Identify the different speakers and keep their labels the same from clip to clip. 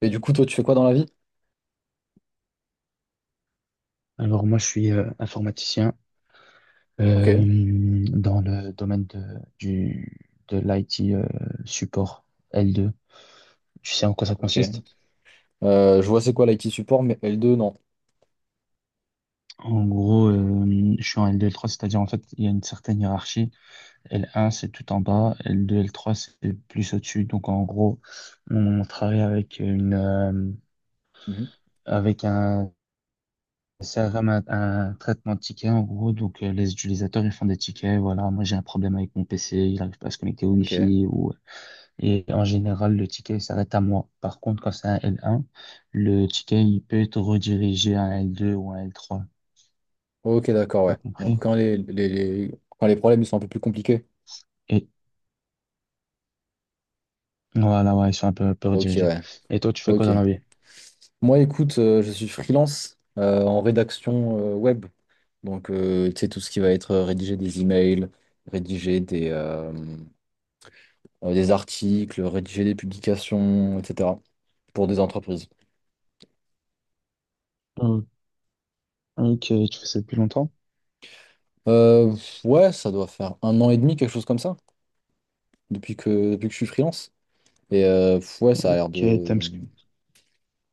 Speaker 1: Et du coup, toi, tu fais quoi dans la vie?
Speaker 2: Alors moi, je suis informaticien
Speaker 1: Ok,
Speaker 2: dans le domaine du, de l'IT support L2. Tu sais en quoi ça consiste?
Speaker 1: ok. Je vois c'est quoi l'IT support, mais L2, non.
Speaker 2: En gros, je suis en L2, L3, c'est-à-dire en fait, il y a une certaine hiérarchie. L1, c'est tout en bas. L2, L3, c'est plus au-dessus. Donc en gros, on travaille
Speaker 1: Mhm.
Speaker 2: avec un CRM, un traitement de tickets en gros. Donc les utilisateurs, ils font des tickets. Voilà, moi j'ai un problème avec mon PC, il n'arrive pas à se connecter au
Speaker 1: Ok,
Speaker 2: Wi-Fi ou. Et en général, le ticket il s'arrête à moi. Par contre, quand c'est un L1, le ticket, il peut être redirigé à un L2 ou un L3.
Speaker 1: ok, d'accord,
Speaker 2: T'as
Speaker 1: ouais. Donc,
Speaker 2: compris?
Speaker 1: quand les problèmes ils sont un peu plus compliqués.
Speaker 2: Et voilà, ouais, ils sont un peu
Speaker 1: Ok,
Speaker 2: redirigés.
Speaker 1: ouais,
Speaker 2: Et toi, tu fais quoi
Speaker 1: ok.
Speaker 2: dans la vie?
Speaker 1: Moi, écoute, je suis freelance en rédaction web. Donc, tu sais, tout ce qui va être rédiger des emails, rédiger des, euh, des articles, rédiger des publications, etc. pour des entreprises.
Speaker 2: Oh, ok, tu fais ça depuis longtemps?
Speaker 1: Euh, ouais, ça doit faire un an et demi, quelque chose comme ça, depuis que je suis freelance. Et pff, ouais, ça a l'air
Speaker 2: Ok,
Speaker 1: de.
Speaker 2: t'aimes ce que...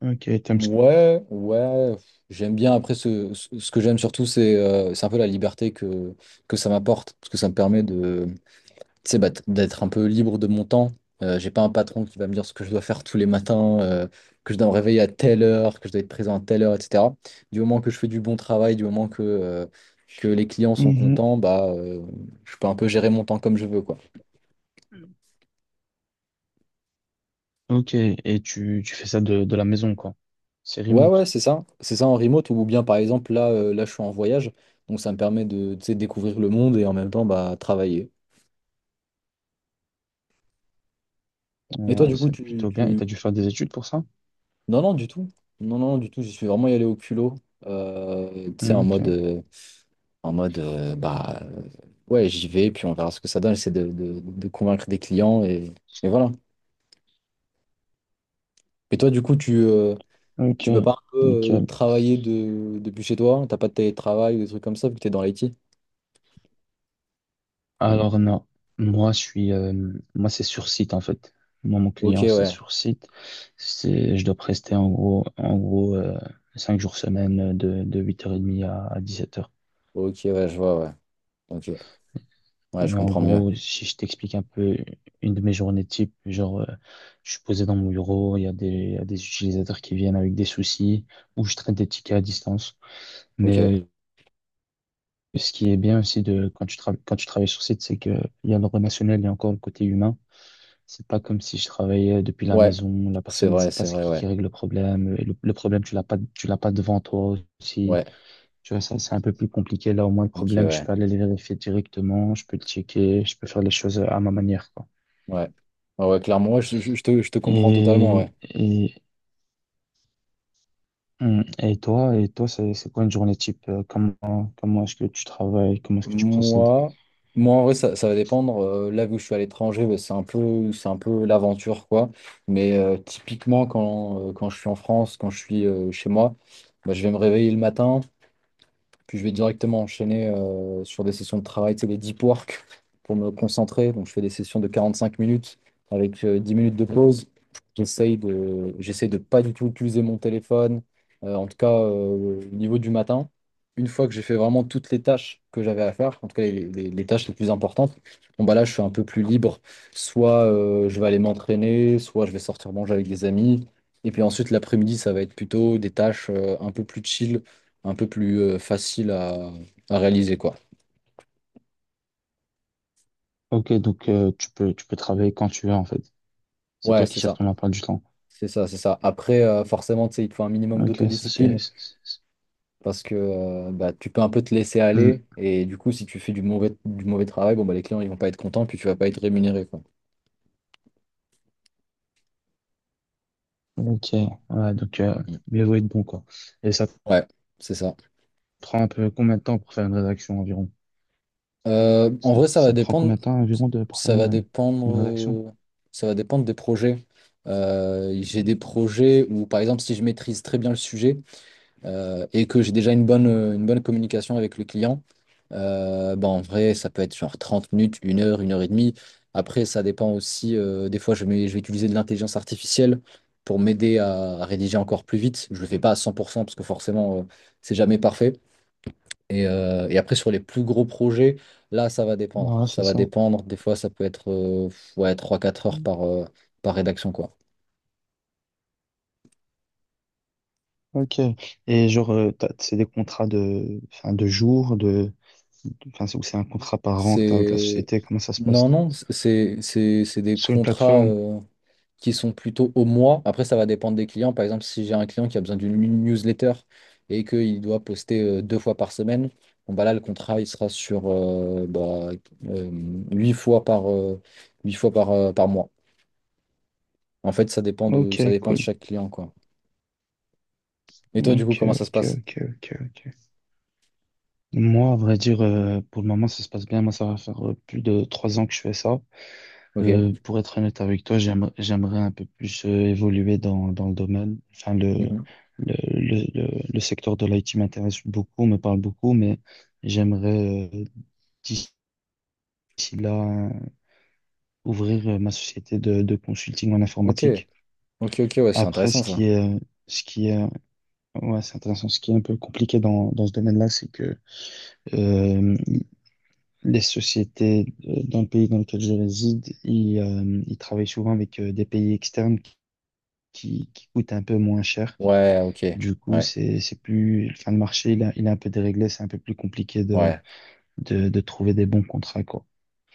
Speaker 2: Ok, t'aimes ce que...
Speaker 1: Ouais, ouais. Pff, j'aime bien. Après, ce que j'aime surtout, c'est un peu la liberté que ça m'apporte. Parce que ça me permet de, tu sais, bah, d'être un peu libre de mon temps. J'ai pas un patron qui va me dire ce que je dois faire tous les matins, que je dois me réveiller à telle heure, que je dois être présent à telle heure, etc. Du moment que je fais du bon travail, que les clients sont
Speaker 2: Mhm.
Speaker 1: contents, bah, je peux un peu gérer mon temps comme je veux, quoi.
Speaker 2: Ok, et tu fais ça de la maison, quoi. C'est
Speaker 1: Ouais, ouais,
Speaker 2: remote.
Speaker 1: c'est ça. C'est ça en remote ou bien par exemple là, là je suis en voyage, donc ça me permet de, tu sais, découvrir le monde et en même temps bah, travailler. Et toi
Speaker 2: Ouais,
Speaker 1: du coup
Speaker 2: c'est
Speaker 1: tu,
Speaker 2: plutôt bien. Et
Speaker 1: tu...
Speaker 2: t'as dû faire des études pour ça?
Speaker 1: Non, non, du tout. Non, non, du tout, j'y suis vraiment y allé au culot. Tu sais, en
Speaker 2: Ok,
Speaker 1: mode, en mode euh, bah euh, ouais, j'y vais, puis on verra ce que ça donne. J'essaie de convaincre des clients et voilà. Et toi du coup
Speaker 2: ok,
Speaker 1: tu peux pas un peu
Speaker 2: nickel.
Speaker 1: travailler depuis chez toi? T'as pas de télétravail ou des trucs comme ça vu que t'es dans l'IT?
Speaker 2: Alors non, moi je suis, euh, moi c'est sur site en fait. Moi mon
Speaker 1: Ok,
Speaker 2: client c'est
Speaker 1: ouais.
Speaker 2: sur site. Je dois prester en gros, 5 jours semaine de 8h30 à 7 heures.
Speaker 1: Ok, ouais, je vois, ouais. Ok. Ouais, je
Speaker 2: Et en
Speaker 1: comprends mieux.
Speaker 2: gros, si je t'explique un peu une de mes journées type, genre, je suis posé dans mon bureau, il y a des utilisateurs qui viennent avec des soucis, ou je traite des tickets à distance. Mais
Speaker 1: Ok.
Speaker 2: ce qui est bien aussi quand tu travailles sur site, c'est que il y a le relationnel, il y a encore le côté humain. C'est pas comme si je travaillais depuis la
Speaker 1: Ouais.
Speaker 2: maison, la personne ne sait pas
Speaker 1: C'est
Speaker 2: c'est
Speaker 1: vrai, ouais.
Speaker 2: qui règle le problème, et le problème tu l'as pas devant toi aussi.
Speaker 1: Ouais.
Speaker 2: Tu vois, ça, c'est un peu plus compliqué. Là, au moins, le
Speaker 1: Ok,
Speaker 2: problème, je
Speaker 1: ouais.
Speaker 2: peux aller le vérifier directement, je peux le checker, je peux faire les choses à ma manière, quoi.
Speaker 1: Ouais. Ouais, ouais, clairement, ouais, je te comprends totalement,
Speaker 2: Et,
Speaker 1: ouais.
Speaker 2: et, et toi, c'est quoi une journée type? Comment est-ce que tu travailles? Comment est-ce que tu procèdes?
Speaker 1: Moi, Moi en vrai, ça va dépendre. Là, où je suis à l'étranger, bah, c'est un peu l'aventure, quoi. Mais typiquement, quand je suis en France, quand je suis chez moi, bah, je vais me réveiller le matin. Puis je vais directement enchaîner sur des sessions de travail, c'est les deep work pour me concentrer. Donc je fais des sessions de 45 minutes avec 10 minutes de pause. J'essaye de pas du tout utiliser mon téléphone, en tout cas au niveau du matin. Une fois que j'ai fait vraiment toutes les tâches que j'avais à faire, en tout cas les tâches les plus importantes, bon bah là je suis un peu plus libre. Soit je vais aller m'entraîner, soit je vais sortir manger avec des amis. Et puis ensuite l'après-midi, ça va être plutôt des tâches un peu plus chill un peu plus facile à réaliser, quoi.
Speaker 2: Ok, donc, tu peux travailler quand tu veux, en fait. C'est
Speaker 1: Ouais,
Speaker 2: toi qui
Speaker 1: c'est
Speaker 2: gères
Speaker 1: ça.
Speaker 2: ton emploi du temps.
Speaker 1: C'est ça, c'est ça. Après, forcément, tu sais, il te faut un minimum
Speaker 2: Ok, ça,
Speaker 1: d'autodiscipline
Speaker 2: c'est-
Speaker 1: parce que bah, tu peux un peu te laisser aller
Speaker 2: Mm.
Speaker 1: et du coup, si tu fais du mauvais travail, bon, bah, les clients, ils vont pas être contents puis tu vas pas être rémunéré, quoi.
Speaker 2: Ok, ouais, donc
Speaker 1: Mm.
Speaker 2: mieux vaut être bon quoi. Et ça te
Speaker 1: Ouais, c'est ça.
Speaker 2: prend un peu combien de temps pour faire une rédaction environ?
Speaker 1: En
Speaker 2: Ça,
Speaker 1: vrai, ça va
Speaker 2: ça te prend
Speaker 1: dépendre.
Speaker 2: combien de temps environ pour faire
Speaker 1: Ça va
Speaker 2: une,
Speaker 1: dépendre.
Speaker 2: une rédaction?
Speaker 1: euh, Ça va dépendre des projets. J'ai des projets où, par exemple, si je maîtrise très bien le sujet, et que j'ai déjà une bonne communication avec le client, bah, en vrai, ça peut être genre 30 minutes, une heure et demie. Après, ça dépend aussi. Des fois, je vais utiliser de l'intelligence artificielle pour m'aider à rédiger encore plus vite. Je ne le fais pas à 100% parce que forcément, c'est jamais parfait. Et après, sur les plus gros projets, là, ça va dépendre.
Speaker 2: Ouais,
Speaker 1: Ça
Speaker 2: c'est
Speaker 1: va
Speaker 2: ça.
Speaker 1: dépendre. Des fois, ça peut être ouais, trois quatre heures
Speaker 2: Mm.
Speaker 1: par rédaction, quoi.
Speaker 2: Ok. Et genre, c'est des contrats de, enfin, de jours, enfin, c'est ou c'est un contrat par an que t'as avec la
Speaker 1: C'est...
Speaker 2: société, comment ça se passe?
Speaker 1: Non, non, c'est des
Speaker 2: Sur une
Speaker 1: contrats.
Speaker 2: plateforme.
Speaker 1: Qui sont plutôt au mois. Après, ça va dépendre des clients. Par exemple, si j'ai un client qui a besoin d'une newsletter et qu'il doit poster deux fois par semaine, bon, bah là, le contrat, il sera sur euh, huit fois huit fois par, par mois. En fait,
Speaker 2: Ok,
Speaker 1: ça dépend de
Speaker 2: cool.
Speaker 1: chaque client, quoi. Et toi, du coup,
Speaker 2: Ok,
Speaker 1: comment ça se
Speaker 2: ok,
Speaker 1: passe?
Speaker 2: ok, ok, ok. Moi, à vrai dire, pour le moment, ça se passe bien. Moi, ça va faire plus de 3 ans que je fais ça.
Speaker 1: Ok.
Speaker 2: Pour être honnête avec toi, j'aimerais un peu plus évoluer dans le domaine. Enfin, le,
Speaker 1: Mhm.
Speaker 2: le, le, le, le secteur de l'IT m'intéresse beaucoup, me parle beaucoup, mais j'aimerais d'ici là ouvrir ma société de consulting en
Speaker 1: Ok.
Speaker 2: informatique.
Speaker 1: Ok, ok, ouais, c'est
Speaker 2: Après,
Speaker 1: intéressant, ça.
Speaker 2: ce qui est, ouais, c'est intéressant. Ce qui est un peu compliqué dans ce domaine-là, c'est que euh, les sociétés dans le pays dans lequel je réside, ils travaillent souvent avec des pays externes qui coûte un peu moins cher.
Speaker 1: Ouais, ok.
Speaker 2: Du coup,
Speaker 1: Ouais,
Speaker 2: enfin, le marché, il est un peu déréglé, c'est un peu plus compliqué de,
Speaker 1: ouais.
Speaker 2: de, de trouver des bons contrats, quoi.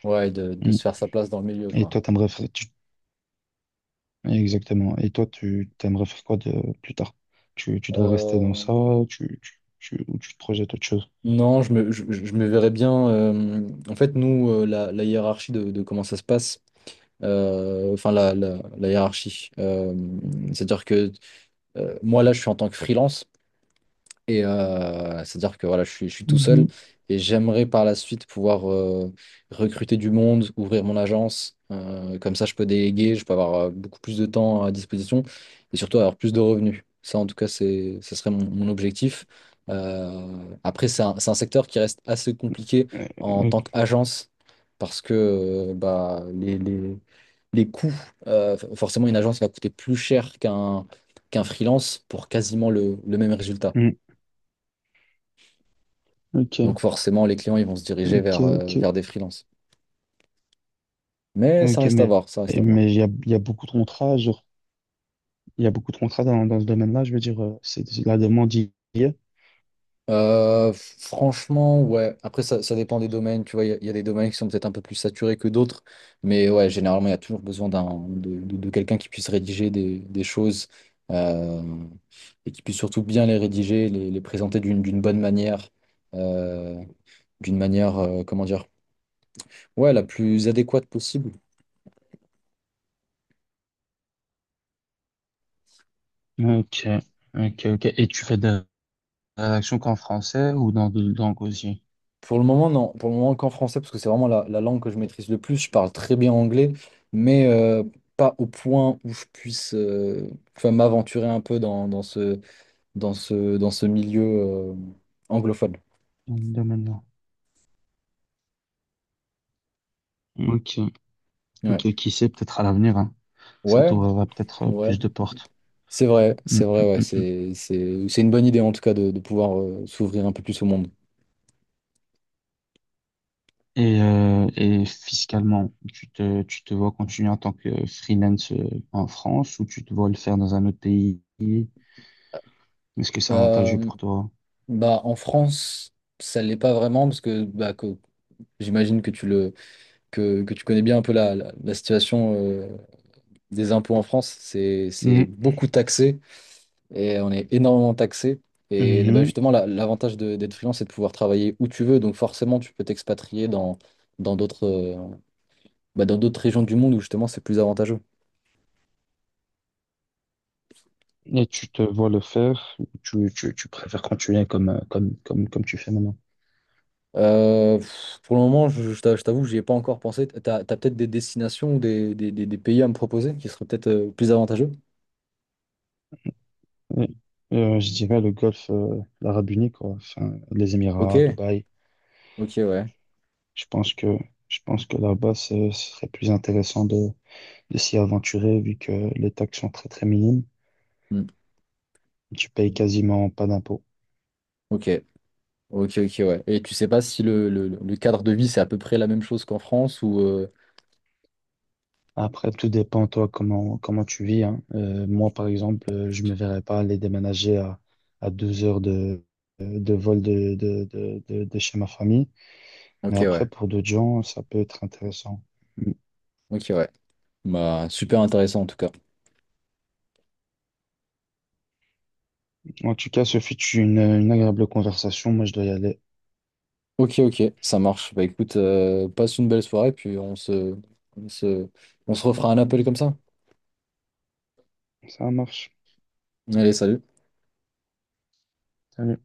Speaker 1: Ouais, de
Speaker 2: Mm.
Speaker 1: se faire sa place dans le milieu,
Speaker 2: Et
Speaker 1: quoi.
Speaker 2: toi, t'aimerais faire, tu- exactement. Et toi, tu t'aimerais faire quoi de plus tard? Tu dois rester dans
Speaker 1: Euh,
Speaker 2: ça, ou tu te projettes autre chose?
Speaker 1: Non, je me verrais bien. En fait, nous, la hiérarchie de comment ça se passe, enfin, la hiérarchie. C'est-à-dire que moi, là, je suis en tant que freelance. Et c'est-à-dire que voilà, je suis tout seul
Speaker 2: Mhm.
Speaker 1: et j'aimerais par la suite pouvoir recruter du monde, ouvrir mon agence. Comme ça, je peux déléguer, je peux avoir beaucoup plus de temps à disposition et surtout avoir plus de revenus. Ça, en tout cas, c'est, ce serait mon objectif. Euh, Après, c'est un secteur qui reste assez compliqué
Speaker 2: Euh,
Speaker 1: en
Speaker 2: Ok,
Speaker 1: tant qu'agence parce que bah, les coûts, forcément, une agence va coûter plus cher qu'un freelance pour quasiment le même résultat.
Speaker 2: mm.
Speaker 1: Donc
Speaker 2: Ok,
Speaker 1: forcément, les clients, ils vont se diriger
Speaker 2: ok, ok.
Speaker 1: vers des freelances. Mais ça
Speaker 2: Ok,
Speaker 1: reste à
Speaker 2: mais
Speaker 1: voir, ça reste à voir.
Speaker 2: mais il y a beaucoup de contrats, genre, il y a beaucoup de contrats dans ce domaine-là, je veux dire, c'est la demande hier.
Speaker 1: Euh, Franchement, ouais. Après, ça dépend des domaines. Tu vois, il y a des domaines qui sont peut-être un peu plus saturés que d'autres. Mais ouais, généralement, il y a toujours besoin de quelqu'un qui puisse rédiger des choses euh, et qui puisse surtout bien les rédiger, les présenter d'une bonne manière, euh, d'une manière, comment dire, ouais, la plus adéquate possible.
Speaker 2: Ok, ok, ok. Et tu fais de la rédaction qu'en français ou dans d'autres langues aussi?
Speaker 1: Pour le moment, non. Pour le moment, qu'en français, parce que c'est vraiment la langue que je maîtrise le plus. Je parle très bien anglais, mais pas au point où je puisse enfin, m'aventurer un peu dans ce, dans ce milieu anglophone.
Speaker 2: Dans le domaine là. Ok, ok.
Speaker 1: Ouais,
Speaker 2: Ok. Qui sait, peut-être à l'avenir, hein. Ça
Speaker 1: ouais,
Speaker 2: t'ouvrira peut-être plus
Speaker 1: ouais.
Speaker 2: de portes. Mm,
Speaker 1: C'est vrai,
Speaker 2: mm,
Speaker 1: ouais.
Speaker 2: mm, mm.
Speaker 1: C'est une bonne idée, en tout cas, de pouvoir s'ouvrir un peu plus au monde.
Speaker 2: Et fiscalement, tu te vois continuer en tant que freelance en France ou tu te vois le faire dans un autre pays? Est-ce que c'est avantageux
Speaker 1: Euh,
Speaker 2: pour toi?
Speaker 1: Bah, en France, ça l'est pas vraiment, parce que, bah, j'imagine que que tu connais bien un peu la situation. Des impôts en France, c'est
Speaker 2: Mm,
Speaker 1: beaucoup taxé et on est énormément taxé. Et bah,
Speaker 2: mhm.
Speaker 1: justement, l'avantage d'être freelance, c'est de pouvoir travailler où tu veux. Donc forcément, tu peux t'expatrier dans d'autres bah, dans d'autres régions du monde où justement c'est plus avantageux.
Speaker 2: Et tu te vois le faire ou tu préfères continuer comme tu fais maintenant?
Speaker 1: Pour le moment, je t'avoue que j'y ai pas encore pensé. T'as peut-être des destinations ou des pays à me proposer qui seraient peut-être plus avantageux?
Speaker 2: Oui. Et, je dirais le golfe, l'Arabie Unie, quoi. Enfin, les
Speaker 1: Ok,
Speaker 2: Émirats, Dubaï.
Speaker 1: ok, ouais.
Speaker 2: Je pense que, je pense que là-bas, ce serait plus intéressant de s'y aventurer vu que les taxes sont très, très minimes.
Speaker 1: Hmm.
Speaker 2: Tu payes quasiment pas d'impôts.
Speaker 1: Ok, ok, ok, ouais. Et tu sais pas si le cadre de vie, c'est à peu près la même chose qu'en France ou...
Speaker 2: Après, tout dépend, toi, comment tu vis, hein. Moi, par exemple, je me verrais pas aller déménager à 2 heures de vol de chez ma famille.
Speaker 1: Ok,
Speaker 2: Mais
Speaker 1: ouais.
Speaker 2: après, pour d'autres gens, ça peut être intéressant.
Speaker 1: Ok, ouais. Bah, super intéressant en tout cas.
Speaker 2: En tout cas, ce fut une agréable conversation. Moi, je dois y aller.
Speaker 1: Ok, ok, ça marche. Bah écoute, passe une belle soirée, puis on se, on se refera un appel comme ça.
Speaker 2: Ça marche.
Speaker 1: Allez, salut.
Speaker 2: Salut.